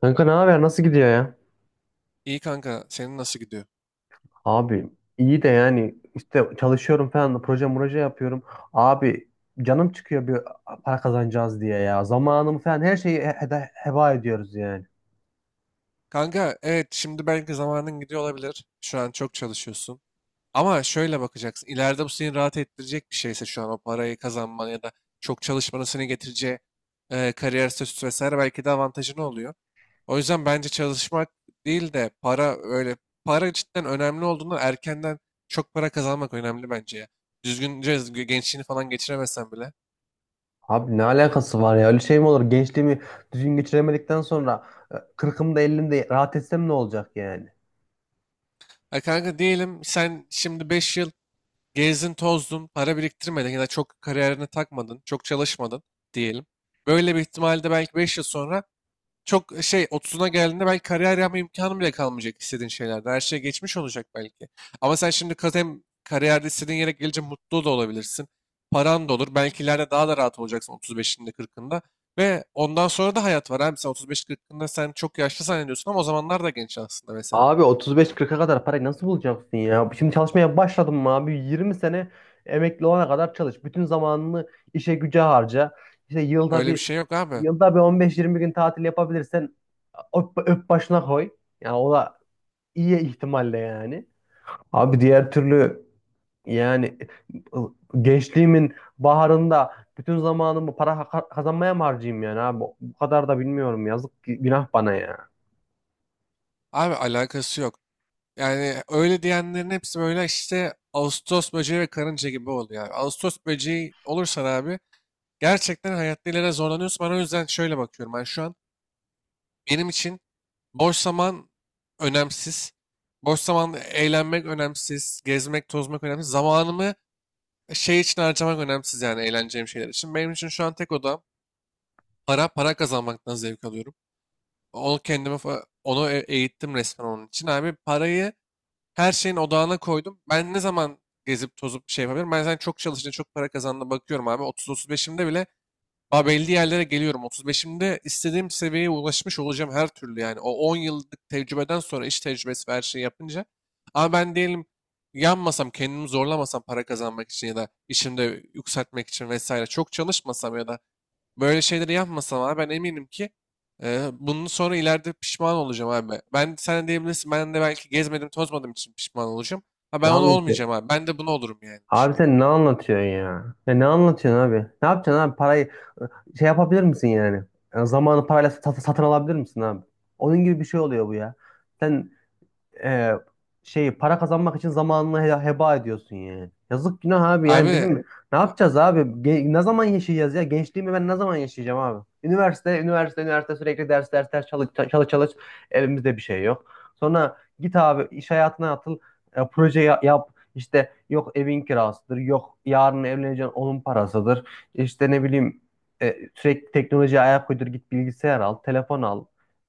Kanka ne haber? Nasıl gidiyor ya? İyi kanka, senin nasıl gidiyor? Abi, iyi de yani işte çalışıyorum falan da proje proje yapıyorum. Abi, canım çıkıyor bir para kazanacağız diye ya. Zamanımı falan her şeyi heba ediyoruz yani. Kanka, evet şimdi belki zamanın gidiyor olabilir. Şu an çok çalışıyorsun. Ama şöyle bakacaksın. İleride bu seni rahat ettirecek bir şeyse şu an o parayı kazanman ya da çok çalışmanın seni getireceği kariyer statüsü vesaire belki de avantajın oluyor. O yüzden bence çalışmak değil de para öyle para cidden önemli olduğundan erkenden çok para kazanmak önemli bence ya. Düzgünce gençliğini falan geçiremesen bile. Abi, ne alakası var ya? Öyle şey mi olur? Gençliğimi düzgün geçiremedikten sonra kırkımda ellimde rahat etsem ne olacak yani? Ya kanka diyelim sen şimdi 5 yıl gezdin, tozdun, para biriktirmedin ya da çok kariyerine takmadın, çok çalışmadın diyelim. Böyle bir ihtimalde belki 5 yıl sonra çok 30'una geldiğinde belki kariyer yapma imkanı bile kalmayacak istediğin şeylerde. Her şey geçmiş olacak belki. Ama sen şimdi hem kariyerde istediğin yere gelince mutlu da olabilirsin. Paran da olur. Belki ileride daha da rahat olacaksın 35'inde 40'ında. Ve ondan sonra da hayat var abi. 35-40'ında sen çok yaşlı zannediyorsun ama o zamanlar da genç aslında mesela. Abi, 35 kırka kadar parayı nasıl bulacaksın ya? Şimdi çalışmaya başladın mı abi? 20 sene emekli olana kadar çalış. Bütün zamanını işe güce harca. İşte yılda Öyle bir bir şey yok abi. yılda bir 15-20 gün tatil yapabilirsen öp, öp başına koy. Yani o da iyi ihtimalle yani. Abi, diğer türlü yani, ıı, gençliğimin baharında bütün zamanımı para kazanmaya mı harcayayım yani abi? Bu kadar da bilmiyorum. Yazık günah bana ya. Abi alakası yok. Yani öyle diyenlerin hepsi böyle işte ağustos böceği ve karınca gibi oluyor abi. Ağustos böceği olursan abi gerçekten hayatta ileride zorlanıyorsun. Ben o yüzden şöyle bakıyorum. Ben şu an benim için boş zaman önemsiz. Boş zamanda eğlenmek önemsiz. Gezmek, tozmak önemsiz. Zamanımı şey için harcamak önemsiz yani eğleneceğim şeyler için. Benim için şu an tek odam para, para kazanmaktan zevk alıyorum. Onu kendime, eğittim resmen onun için. Abi parayı her şeyin odağına koydum. Ben ne zaman gezip tozup bir şey yapabilirim? Ben zaten çok çalışınca çok para kazandığına bakıyorum abi. 30-35'imde bile daha belli yerlere geliyorum. 35'imde istediğim seviyeye ulaşmış olacağım her türlü yani. O 10 yıllık tecrübeden sonra iş tecrübesi ve her şeyi yapınca. Ama ben diyelim yanmasam, kendimi zorlamasam para kazanmak için ya da işimde yükseltmek için vesaire çok çalışmasam ya da böyle şeyleri yapmasam abi ben eminim ki bunun sonra ileride pişman olacağım abi. Ben sen de diyebilirsin ben de belki gezmedim tozmadım için pişman olacağım. Ha Ne ben onu anlatıyor? olmayacağım abi. Ben de bunu olurum yani Abi, pişman. sen ne anlatıyorsun ya? Ya, ne anlatıyorsun abi? Ne yapacaksın abi? Parayı şey yapabilir misin yani? Yani zamanı parayla satın alabilir misin abi? Onun gibi bir şey oluyor bu ya. Sen, e, şeyi para kazanmak için zamanını heba ediyorsun yani. Yazık günah abi, yani Abi bizim ne a- yapacağız abi? Ne zaman yaşayacağız ya? Gençliğimi ben ne zaman yaşayacağım abi? Üniversite, üniversite, üniversite, sürekli ders, ders, ders, çalış, çalış, çalış. Elimizde bir şey yok. Sonra git abi iş hayatına atıl, proje yap. İşte yok evin kirasıdır, yok yarın evleneceğin onun parasıdır. İşte ne bileyim, sürekli teknolojiye ayak uydur, git bilgisayar al, telefon al.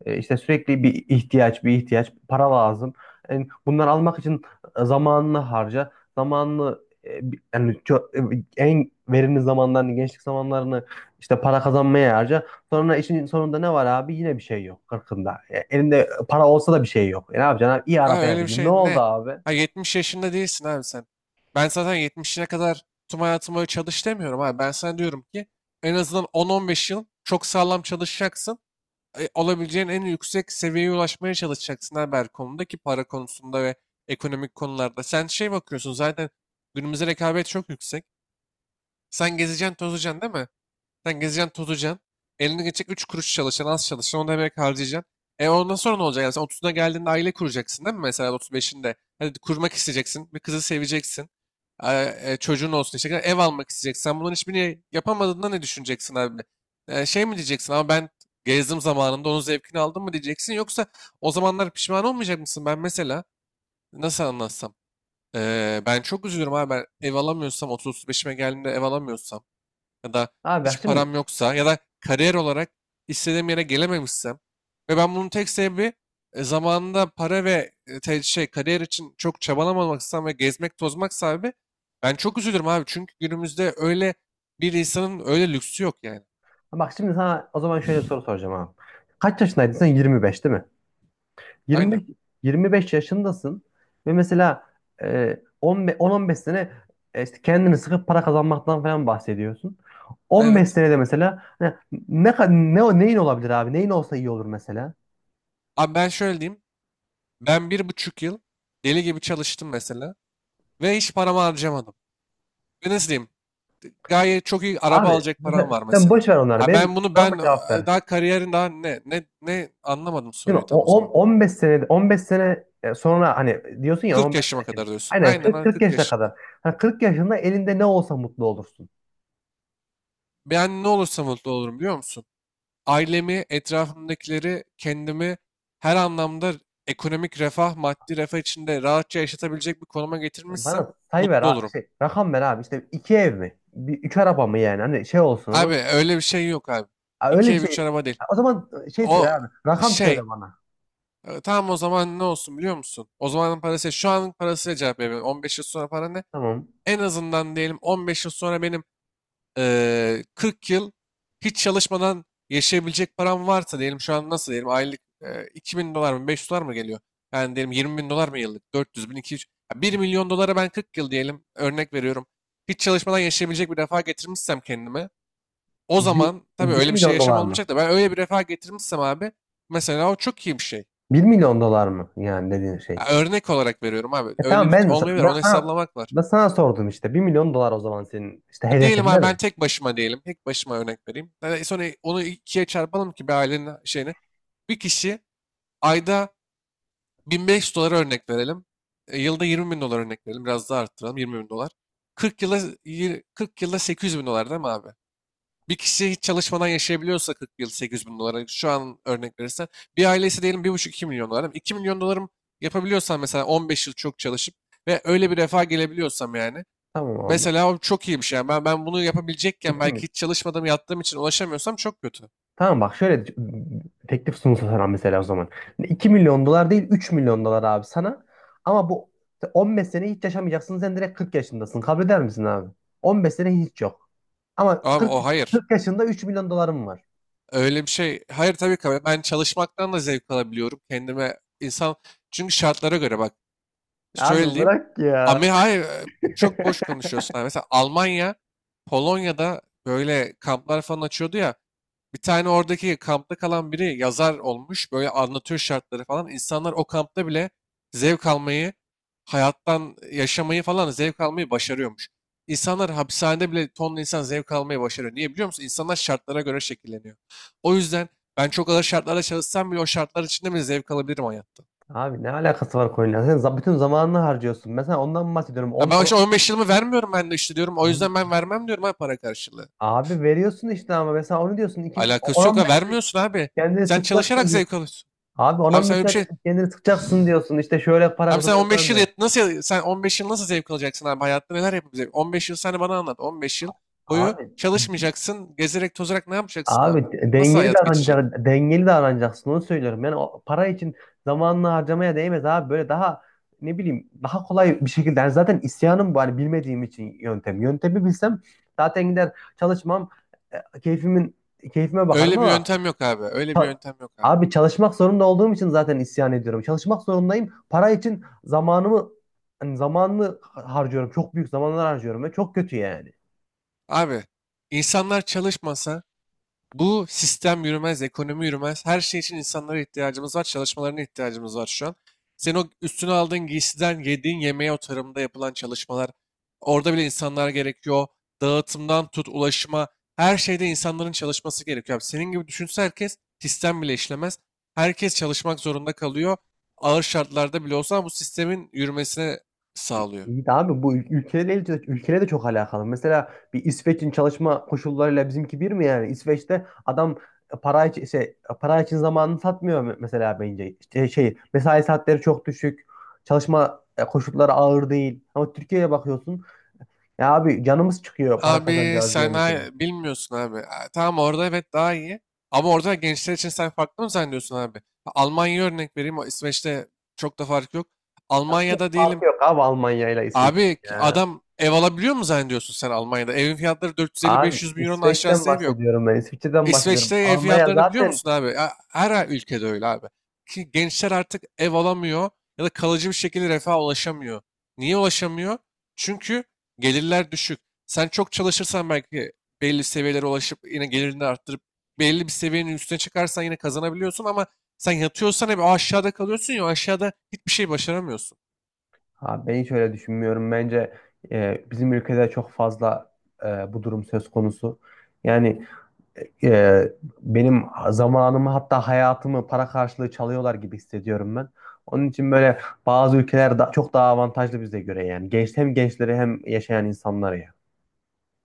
İşte sürekli bir ihtiyaç, bir ihtiyaç, para lazım. Yani bunları almak için zamanını harca. Zamanını, yani en verimli zamanlarını, gençlik zamanlarını işte para kazanmaya harca. Sonra işin sonunda ne var abi? Yine bir şey yok 40'ında. Elinde para olsa da bir şey yok. Ne yapacaksın abi? İyi arabaya öyle bir bindin. Ne şey oldu ne? abi? Ha 70 yaşında değilsin abi sen. Ben zaten 70'ine kadar tüm hayatımı öyle çalış demiyorum abi. Ben sana diyorum ki en azından 10-15 yıl çok sağlam çalışacaksın. Olabileceğin en yüksek seviyeye ulaşmaya çalışacaksın abi her konuda ki para konusunda ve ekonomik konularda. Sen şey bakıyorsun zaten günümüzde rekabet çok yüksek. Sen gezeceksin, tozacaksın değil mi? Sen gezeceksin, tozacaksın. Eline geçecek 3 kuruş çalışacaksın, az çalışacaksın. Onu da emek harcayacaksın. E ondan sonra ne olacak? Yani sen 30'una geldiğinde aile kuracaksın değil mi? Mesela 35'inde. Hadi kurmak isteyeceksin. Bir kızı seveceksin. Çocuğun olsun işte. Ev almak isteyeceksin. Sen bunların hiçbirini yapamadığında ne düşüneceksin abi? E, şey mi diyeceksin ama ben gezdim zamanında onun zevkini aldım mı diyeceksin. Yoksa o zamanlar pişman olmayacak mısın? Ben mesela nasıl anlatsam? E, ben çok üzülürüm abi. Ben ev alamıyorsam 30-35'ime geldiğimde ev alamıyorsam ya da Abi bak hiç param şimdi yoksa ya da kariyer olarak istediğim yere gelememişsem ve ben bunun tek sebebi zamanında para ve şey kariyer için çok çabalamamaksam ve gezmek tozmak sebebi ben çok üzülürüm abi çünkü günümüzde öyle bir insanın öyle lüksü yok yani. bak şimdi sana o zaman şöyle bir soru soracağım abi. Kaç yaşındaydın sen? 25 değil mi? Aynen. 25 25 yaşındasın ve mesela, 10-15 sene, işte kendini sıkıp para kazanmaktan falan bahsediyorsun. 15 Evet. senede mesela hani ne ka- ne o- neyin olabilir abi? Neyin olsa iyi olur mesela? Abi ben şöyle diyeyim. Ben bir buçuk yıl deli gibi çalıştım mesela ve hiç paramı harcamadım. Ve nasıl diyeyim? Gayet çok iyi araba Abi alacak paran sen, var sen mesela. boş ver onları. Ha Benim ben bunu soruma ben cevap e, ver. Daha kariyerin daha ne anlamadım Değil mi? soruyu tam o zaman. 15 senede, 15 sene, sonra hani diyorsun ya 40 15 yaşıma sene kim? kadar diyorsun. Aynen Aynen 40, ha, 40 40 yaşına kadar. yaşında. Hani 40 yaşında elinde ne olsa mutlu olursun. Ben ne olursa mutlu olurum biliyor musun? Ailemi, etrafımdakileri, kendimi her anlamda ekonomik refah, maddi refah içinde rahatça yaşatabilecek bir konuma getirmişsem Bana sayı ver, mutlu olurum. Rakam ver abi. İşte iki ev mi? Üç araba mı yani? Hani şey olsun, Abi anladın mı? öyle bir şey yok abi. Ha, öyle İki bir ev, üç şey. araba değil. Ha, o zaman, şey söyle O abi. Rakam şey söyle bana. E, tamam o zaman ne olsun biliyor musun? O zamanın parası şu anın parasıyla cevap veriyorum. 15 yıl sonra para ne? Tamam. En azından diyelim 15 yıl sonra benim 40 yıl hiç çalışmadan yaşayabilecek param varsa diyelim şu an nasıl diyelim aylık 2000 dolar mı 500 dolar mı geliyor? Yani diyelim 20 bin dolar mı yıllık? 400 bin 200 ya 1 milyon dolara ben 40 yıl diyelim örnek veriyorum. Hiç çalışmadan yaşayabilecek bir refah getirmişsem kendime o Bir, zaman tabii bir öyle bir şey milyon yaşam dolar mı? olmayacak da ben öyle bir refah getirmişsem abi mesela o çok iyi bir şey. 1 milyon dolar mı? Yani dediğin şey. Ya örnek olarak veriyorum abi. Öyle Tamam, bir olmayabilir. ben Onu sana hesaplamak var. ben sana sordum işte. 1 milyon dolar o zaman senin işte Ha, diyelim hedefin değil abi ben mi? tek başıma diyelim. Tek başıma örnek vereyim. Yani sonra onu ikiye çarpalım ki bir ailenin şeyini. Bir kişi ayda 1500 dolar örnek verelim. E, yılda 20 bin dolar örnek verelim. Biraz daha arttıralım. 20 bin dolar. 40 yılda, 40 yılda 800 bin dolar değil mi abi? Bir kişi hiç çalışmadan yaşayabiliyorsa 40 yıl 800 bin dolara şu an örnek verirsen. Bir ailesi diyelim bir buçuk iki milyon dolar. İki milyon dolarım yapabiliyorsan mesela 15 yıl çok çalışıp ve öyle bir refaha gelebiliyorsam yani. Tamam abi. Mesela o çok iyi bir şey. Yani ben bunu yapabilecekken İki belki hiç çalışmadım yattığım için ulaşamıyorsam çok kötü. Tamam, bak şöyle teklif sunulsa sana mesela o zaman. 2 milyon dolar değil, 3 milyon dolar abi sana. Ama bu 15 sene hiç yaşamayacaksın. Sen direkt 40 yaşındasın. Kabul eder misin abi? 15 sene hiç yok. Ama Abi kırk o hayır. kırk yaşında 3 milyon dolarım var. Öyle bir şey. Hayır tabii ki. Ben çalışmaktan da zevk alabiliyorum. Kendime insan. Çünkü şartlara göre bak. Şöyle Abi diyeyim. bırak Ama ya. hayır. Çok boş konuşuyorsun abi. Mesela Almanya, Polonya'da böyle kamplar falan açıyordu ya. Bir tane oradaki kampta kalan biri yazar olmuş. Böyle anlatıyor şartları falan. İnsanlar o kampta bile zevk almayı, hayattan yaşamayı falan zevk almayı başarıyormuş. İnsanlar hapishanede bile tonla insan zevk almayı başarıyor. Niye biliyor musun? İnsanlar şartlara göre şekilleniyor. O yüzden ben çok ağır şartlarda çalışsam bile o şartlar içinde bile zevk alabilirim hayatta. Abi, ne alakası var konuyla? Sen, bütün zamanını harcıyorsun. Mesela ondan mı bahsediyorum. Ya ben işte 15 yılımı vermiyorum ben de işte diyorum. O yüzden ben on- vermem diyorum ha para karşılığı. Abi veriyorsun işte, ama mesela onu diyorsun. 2, on Alakası yok ha 15 sene vermiyorsun abi. kendini Sen çalışarak sıkacaksın diyor. zevk alıyorsun. Abi, on Abi sen 15 öyle bir sene şey kendini sıkacaksın diyorsun. İşte şöyle para Abi sen kazanırım 15 falan yıl diyorsun. yet- nasıl ya- sen 15 yıl nasıl zevk alacaksın abi hayatta neler yapabilecek? 15 yıl sen bana anlat. 15 yıl boyu Abi çalışmayacaksın, gezerek tozarak ne yapacaksın abi? Abi Nasıl hayat geçecek? Dengeli davranacaksın, onu söylüyorum. Yani o para için zamanını harcamaya değmez abi. Böyle daha ne bileyim, daha kolay bir şekilde. Yani zaten isyanım bu, hani bilmediğim için yöntem. Yöntemi bilsem zaten gider çalışmam, e, keyfimin keyfime bakarım, Öyle bir ama yöntem yok abi. Öyle bir ça- yöntem yok abi. abi çalışmak zorunda olduğum için zaten isyan ediyorum. Çalışmak zorundayım. Para için zamanımı hani zamanını harcıyorum. Çok büyük zamanlar harcıyorum ve çok kötü yani. Abi insanlar çalışmasa bu sistem yürümez, ekonomi yürümez. Her şey için insanlara ihtiyacımız var, çalışmalarına ihtiyacımız var şu an. Sen o üstüne aldığın giysiden yediğin yemeğe o tarımda yapılan çalışmalar, orada bile insanlar gerekiyor. Dağıtımdan tut, ulaşıma, her şeyde insanların çalışması gerekiyor. Abi senin gibi düşünse herkes sistem bile işlemez. Herkes çalışmak zorunda kalıyor. Ağır şartlarda bile olsa bu sistemin yürümesine sağlıyor. İyi de abi, bu ülkelerle de çok alakalı. Mesela bir İsveç'in çalışma koşullarıyla bizimki bir mi yani? İsveç'te adam para için zamanını satmıyor, mesela bence. İşte şey, mesai saatleri çok düşük. Çalışma, koşulları ağır değil. Ama Türkiye'ye bakıyorsun. Ya abi, canımız çıkıyor para kazanacağız diye mesela. Bilmiyorsun abi. Ha, tamam orada evet daha iyi. Ama orada gençler için sen farklı mı zannediyorsun abi? Ha, Almanya'ya örnek vereyim. O İsveç'te çok da fark yok. Nasıl Almanya'da diyelim. farkı yok abi, Almanya ile İsveç Abi ya. adam ev alabiliyor mu zannediyorsun sen Almanya'da? Evin fiyatları Abi, 450-500 bin euronun İsveç'ten aşağısı ev yok. bahsediyorum ben. İsviçre'den bahsediyorum. İsveç'te ev Almanya fiyatlarını biliyor zaten. musun abi? Ya her ülkede öyle abi. Ki gençler artık ev alamıyor ya da kalıcı bir şekilde refaha ulaşamıyor. Niye ulaşamıyor? Çünkü gelirler düşük. Sen çok çalışırsan belki belli seviyelere ulaşıp yine gelirini arttırıp belli bir seviyenin üstüne çıkarsan yine kazanabiliyorsun ama sen yatıyorsan hep o aşağıda kalıyorsun ya o aşağıda hiçbir şey başaramıyorsun. Abi, ben hiç öyle düşünmüyorum. Bence, bizim ülkede çok fazla, e, bu durum söz konusu. Yani, e, benim zamanımı, hatta hayatımı para karşılığı çalıyorlar gibi hissediyorum ben. Onun için böyle bazı ülkeler da, çok daha avantajlı bize göre yani. Hem gençleri hem yaşayan insanları ya.